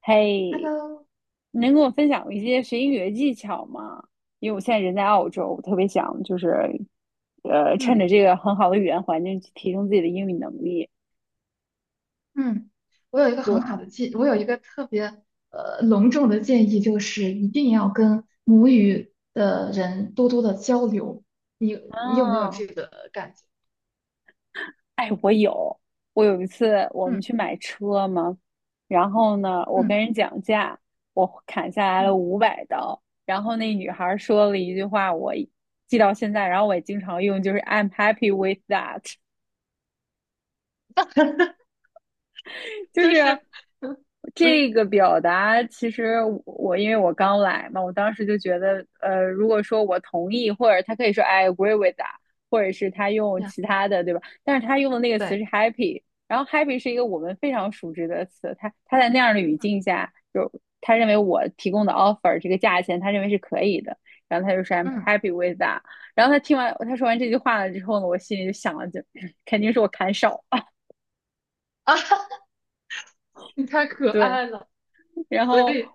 嘿，Hello，能跟我分享一些学英语的技巧吗？因为我现在人在澳洲，我特别想趁着嗯这个很好的语言环境去提升自己的英语能力。嗯，对。我有一个特别隆重的建议，就是一定要跟母语的人多多的交流。你你有没有啊。这个感觉？哎，我有，我有一次我们嗯去买车嘛，然后呢，我跟嗯人讲价，我砍下来了嗯，500刀，然后那女孩儿说了一句话，我记到现在，然后我也经常用，就是 "I'm happy with that"，就就是。是 嗯这嗯个表达其实我因为我刚来嘛，我当时就觉得，如果说我同意，或者他可以说 I agree with that，或者是他用呀，其他的，对吧？但是他用的那个词对，是 happy，然后 happy 是一个我们非常熟知的词，他在那样的语嗯境下，就他认为我提供的 offer 这个价钱，他认为是可以的，然后他就说 I'm 嗯 happy with that。然后他听完他说完这句话了之后呢，我心里就想了就，肯定是我砍少，啊，你太可对。爱了，然所后以，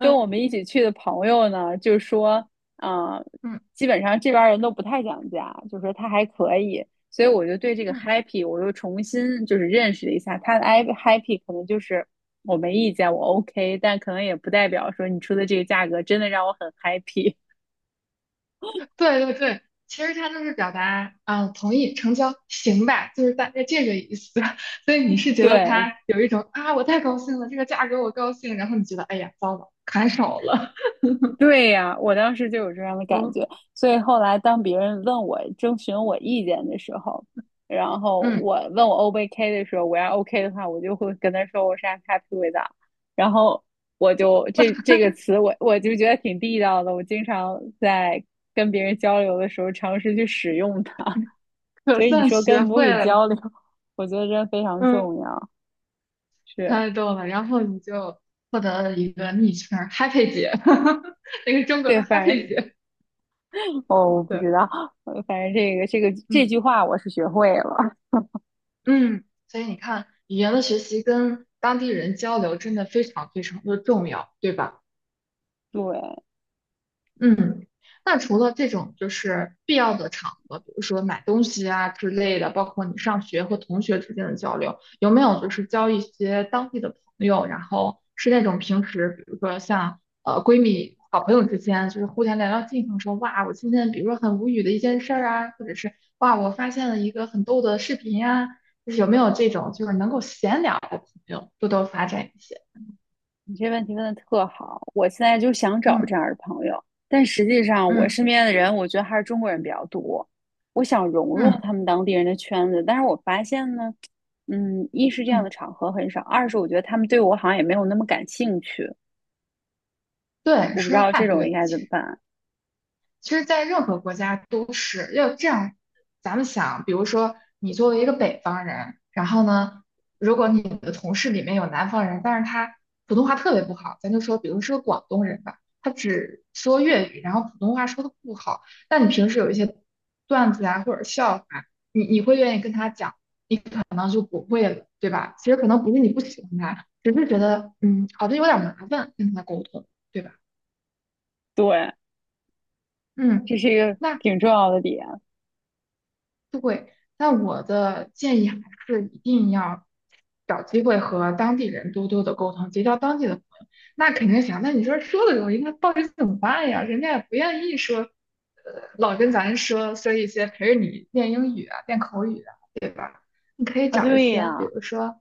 跟我们一起去的朋友呢，就说，啊、嗯基本上这边儿人都不太讲价，就说他还可以，所以我就对这个 嗯。happy 我又重新就是认识了一下，他的 i happy 可能就是我没意见，我 OK，但可能也不代表说你出的这个价格真的让我很 happy。对对对，其实他就是表达，啊，同意成交，行吧，就是大概这个意思。所以你是 觉得对。他有一种啊，我太高兴了，这个价格我高兴，然后你觉得，哎呀，糟了，砍手了，对呀，我当时就有这样的感嗯觉，所以后来当别人问我征询我意见的时候，然后嗯，我问我 O 不 OK 的时候，我要 OK 的话，我就会跟他说我是 I'm happy with t h 然后我就这个词我就觉得挺地道的，我经常在跟别人交流的时候尝试去使用它。可所以你算说跟学母会语了，交流，我觉得真的非常嗯，重要，是。太逗了。然后你就获得了一个昵称 Happy 姐，那个中国的 对，反正 Happy 姐，哦，我不对，知道，反正这个这嗯句话我是学会了。嗯，所以你看，语言的学习跟当地人交流真的非常非常的重要，对吧？对。嗯，那除了这种就是必要的场合，比如说买东西啊之类的，包括你上学和同学之间的交流，有没有就是交一些当地的朋友，然后是那种平时，比如说像闺蜜、好朋友之间，就是互相聊聊近况，说哇，我今天比如说很无语的一件事儿啊，或者是哇，我发现了一个很逗的视频呀、就是有没有这种就是能够闲聊的朋友，多多发展一些。你这问题问的特好，我现在就想找嗯这样的朋友，但实际上我嗯身边的人，我觉得还是中国人比较多。我想融入嗯他们当地人的圈子，但是我发现呢，嗯，一是这样嗯，的场合很少，二是我觉得他们对我好像也没有那么感兴趣，对，我不知说的道这太种对应了，该怎其么实。办。其实，在任何国家都是要这样。咱们想，比如说你作为一个北方人，然后呢，如果你的同事里面有南方人，但是他普通话特别不好，咱就说，比如是个广东人吧，他只说粤语，然后普通话说的不好，那你平时有一些段子啊或者笑话，你会愿意跟他讲，你可能就不会了，对吧？其实可能不是你不喜欢他，只是觉得嗯，好像有点麻烦跟他沟通，对吧？对。嗯，这是一个那挺重要的点对，那我的建议还是一定要找机会和当地人多多的沟通，结交当地的朋友。那肯定想，那你说说的容易，那到底怎么办呀？人家也不愿意说，老跟咱说说一些陪着你练英语啊、练口语啊。你可以啊。找一对些，比呀，如说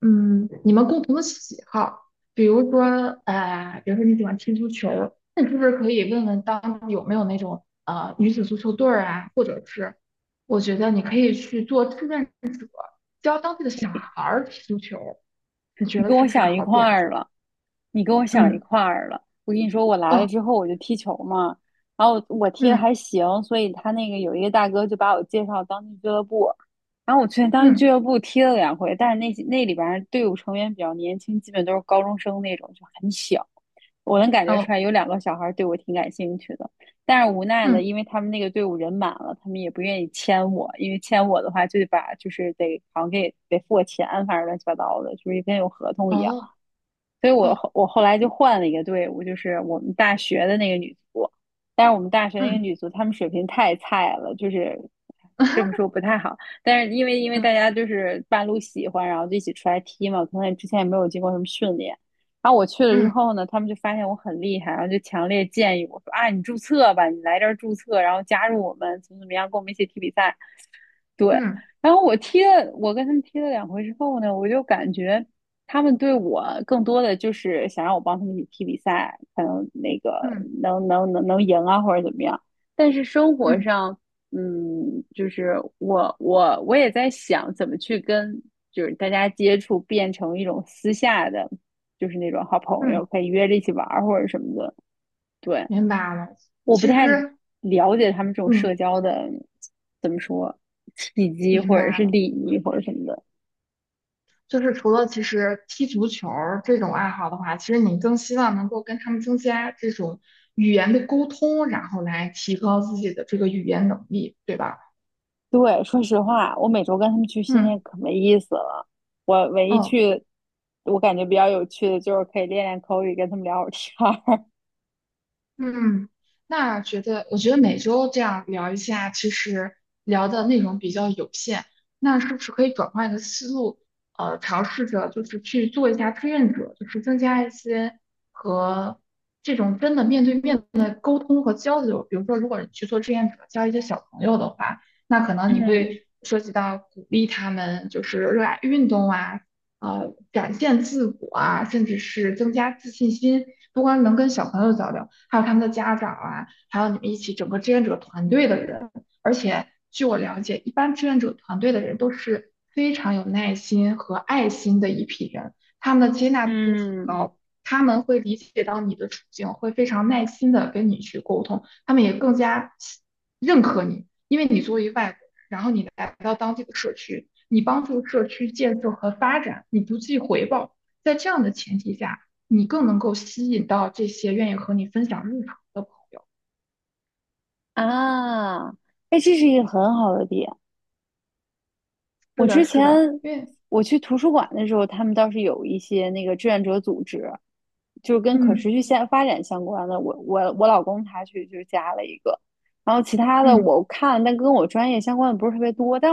嗯，你们共同的喜好，比如说，比如说你喜欢踢足球，那你是不是可以问问当地有没有那种女子足球队儿啊，或者是，我觉得你可以去做志愿者，教当地的小孩儿踢足球，你觉你得跟是我不是个想一好块点儿子？了，你跟我想一嗯，块儿了。我跟你说，我来了哦，之后我就踢球嘛，然后我踢的嗯还行，所以他那个有一个大哥就把我介绍当地俱乐部，然后我去当地俱嗯，乐部踢了两回，但是那里边儿队伍成员比较年轻，基本都是高中生那种，就很小，我能感觉出哦，来有2个小孩儿对我挺感兴趣的。但是无奈呢，嗯，因为他们那个队伍人满了，他们也不愿意签我，因为签我的话就得把就是得好像给得付我钱，反正乱七八糟的，就是跟有合同一样。哦，所以我哦，后我后来就换了一个队伍，就是我们大学的那个女足。但是我们大学那个嗯。女足，她们水平太菜了，就是这么 说不太好。但是因为大家就是半路喜欢，然后就一起出来踢嘛，可能之前也没有经过什么训练。然后我去了之嗯后呢，他们就发现我很厉害，然后就强烈建议我说啊，你注册吧，你来这儿注册，然后加入我们，怎么怎么样，跟我们一起踢比赛。对。嗯嗯然后我踢了，我跟他们踢了两回之后呢，我就感觉他们对我更多的就是想让我帮他们一起踢比赛，可能那个嗯能赢啊，或者怎么样。但是生活嗯上，嗯，就是我也在想怎么去跟就是大家接触，变成一种私下的，就是那种好朋嗯，友，可以约着一起玩儿或者什么的。对。明白了。我不其太实，了解他们这种社嗯，交的，怎么说，契机明或者白是了。礼仪或者什么的。就是除了其实踢足球儿这种爱好的话，其实你更希望能够跟他们增加这种语言的沟通，然后来提高自己的这个语言能力，对吧？对，说实话，我每周跟他们去训练嗯可没意思了。我唯一嗯。去，我感觉比较有趣的就是可以练练口语，跟他们聊会儿天儿。嗯，那觉得，我觉得每周这样聊一下，其实聊的内容比较有限，那是不是可以转换一个思路，尝试着就是去做一下志愿者，就是增加一些和这种真的面对面的沟通和交流。比如说，如果你去做志愿者，教一些小朋友的话，那可 能你嗯会涉及到鼓励他们，就是热爱运动啊，展现自我啊，甚至是增加自信心。不光能跟小朋友交流，还有他们的家长啊，还有你们一起整个志愿者团队的人。而且据我了解，一般志愿者团队的人都是非常有耐心和爱心的一批人，他们的接纳度很嗯高。他们会理解到你的处境，会非常耐心的跟你去沟通，他们也更加认可你，因为你作为外然后你来到当地的社区，你帮助社区建设和发展，你不计回报。在这样的前提下，你更能够吸引到这些愿意和你分享日常的朋友。啊，哎，这是一个很好的点。我是的，之是的，前因为我去图书馆的时候，他们倒是有一些那个志愿者组织，就是跟可持嗯续现发展相关的。我老公他去就加了一个，然后其他的嗯，我看了，但跟我专业相关的不是特别多。但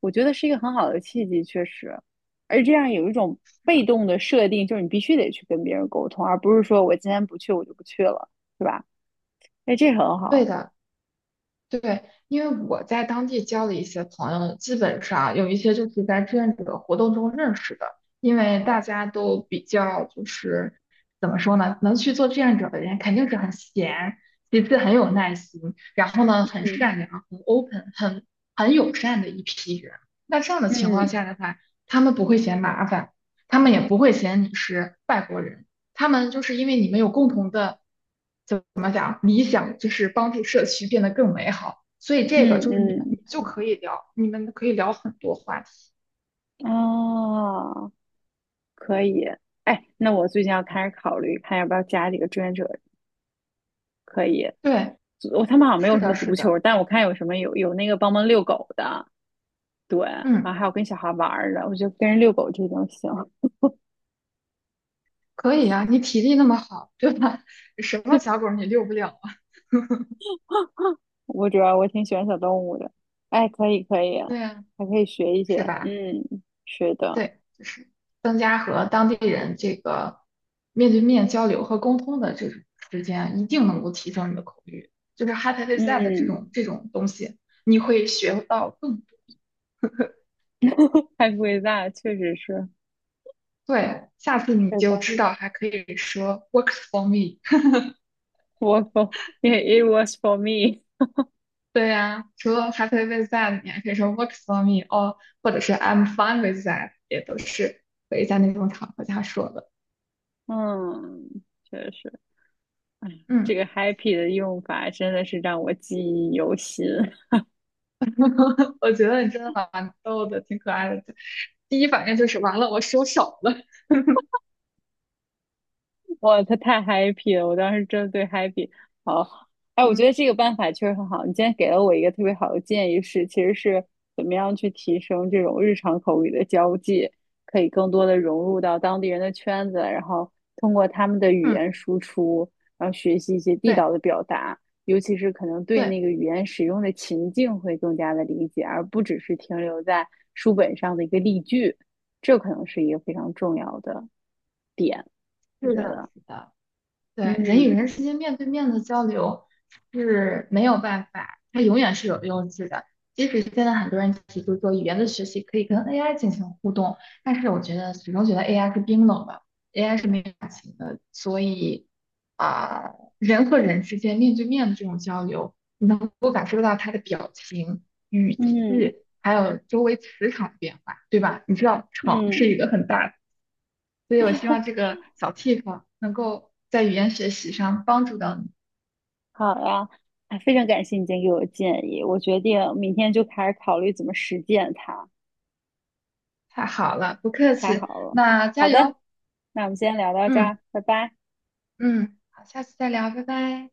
我觉得是一个很好的契机，确实。而这样有一种被动的设定，就是你必须得去跟别人沟通，而不是说我今天不去我就不去了，对吧？哎，这很对好。的。对，因为我在当地交的一些朋友，基本上有一些就是在志愿者活动中认识的，因为大家都比较就是怎么说呢，能去做志愿者的人肯定是很闲，其次很有耐心，然后呢很嗯善良、很 open、很友善的一批人。那这样的情况嗯下的话，他们不会嫌麻烦，他们也不会嫌你是外国人，他们就是因为你们有共同的理想就是帮助社区变得更美好。所以这个就是你们嗯就可以聊，你们可以聊很多话题。嗯。啊。可以，哎，那我最近要开始考虑，看要不要加几个志愿者。可以，对，我他们好像没是有什么的，是足球，的，但我看有什么有那个帮忙遛狗的，对，嗯，啊，还有跟小孩玩儿的，我觉得跟人遛狗这种行。可以啊，你体力那么好，对吧？什么小狗你遛不了啊？我主要我挺喜欢小动物的，哎，可以可以，对呀，还可以学一些，是吧？嗯，是的，对，就是增加和当地人这个面对面交流和沟通的这种时间啊，一定能够提升你的口语。就是 Happy with that 这嗯。种这种东西，你会学到太贵大，确实是，对，下次你是就的。知道还可以说 works for me。我 o r k f it was for me，对呀、除了 happy with that，你还可以说 works for me，哦，或者是 I'm fine with that，也都是可以在那种场合下说的。嗯，确实。这嗯，个 happy 的用法真的是让我记忆犹新。我觉得你真的蛮逗的，挺可爱的。第一反应就是完了，我收手了。哇，他太 happy 了，我当时真的对 happy 好。哎，我觉嗯得这个办法确实很好。你今天给了我一个特别好的建议是，其实是怎么样去提升这种日常口语的交际，可以更多的融入到当地人的圈子，然后通过他们的语嗯，言输出，然后学习一些地对道的表达，尤其是可能对对，那个语言使用的情境会更加的理解，而不只是停留在书本上的一个例句。这可能是一个非常重要的点，我是觉的，得。是的。对，人与嗯，人之间面对面的交流是没有办法，它永远是有用处的。即使现在很多人提出说语言的学习可以跟 AI 进行互动，但是我觉得始终觉得 AI 是冰冷的，AI 是没有感情的，所以啊、人和人之间面对面的这种交流，你能够感受到他的表情、语嗯气，还有周围磁场的变化，对吧？你知道场是一嗯。个很大所以我希望这个小 tip 能够在语言学习上帮助到你。好呀，啊，非常感谢你今天给我的建议，我决定明天就开始考虑怎么实践它，太好了，不客太气，好了。那好加的，油，那我们今天聊到这嗯儿，拜拜。嗯，好，下次再聊，拜拜。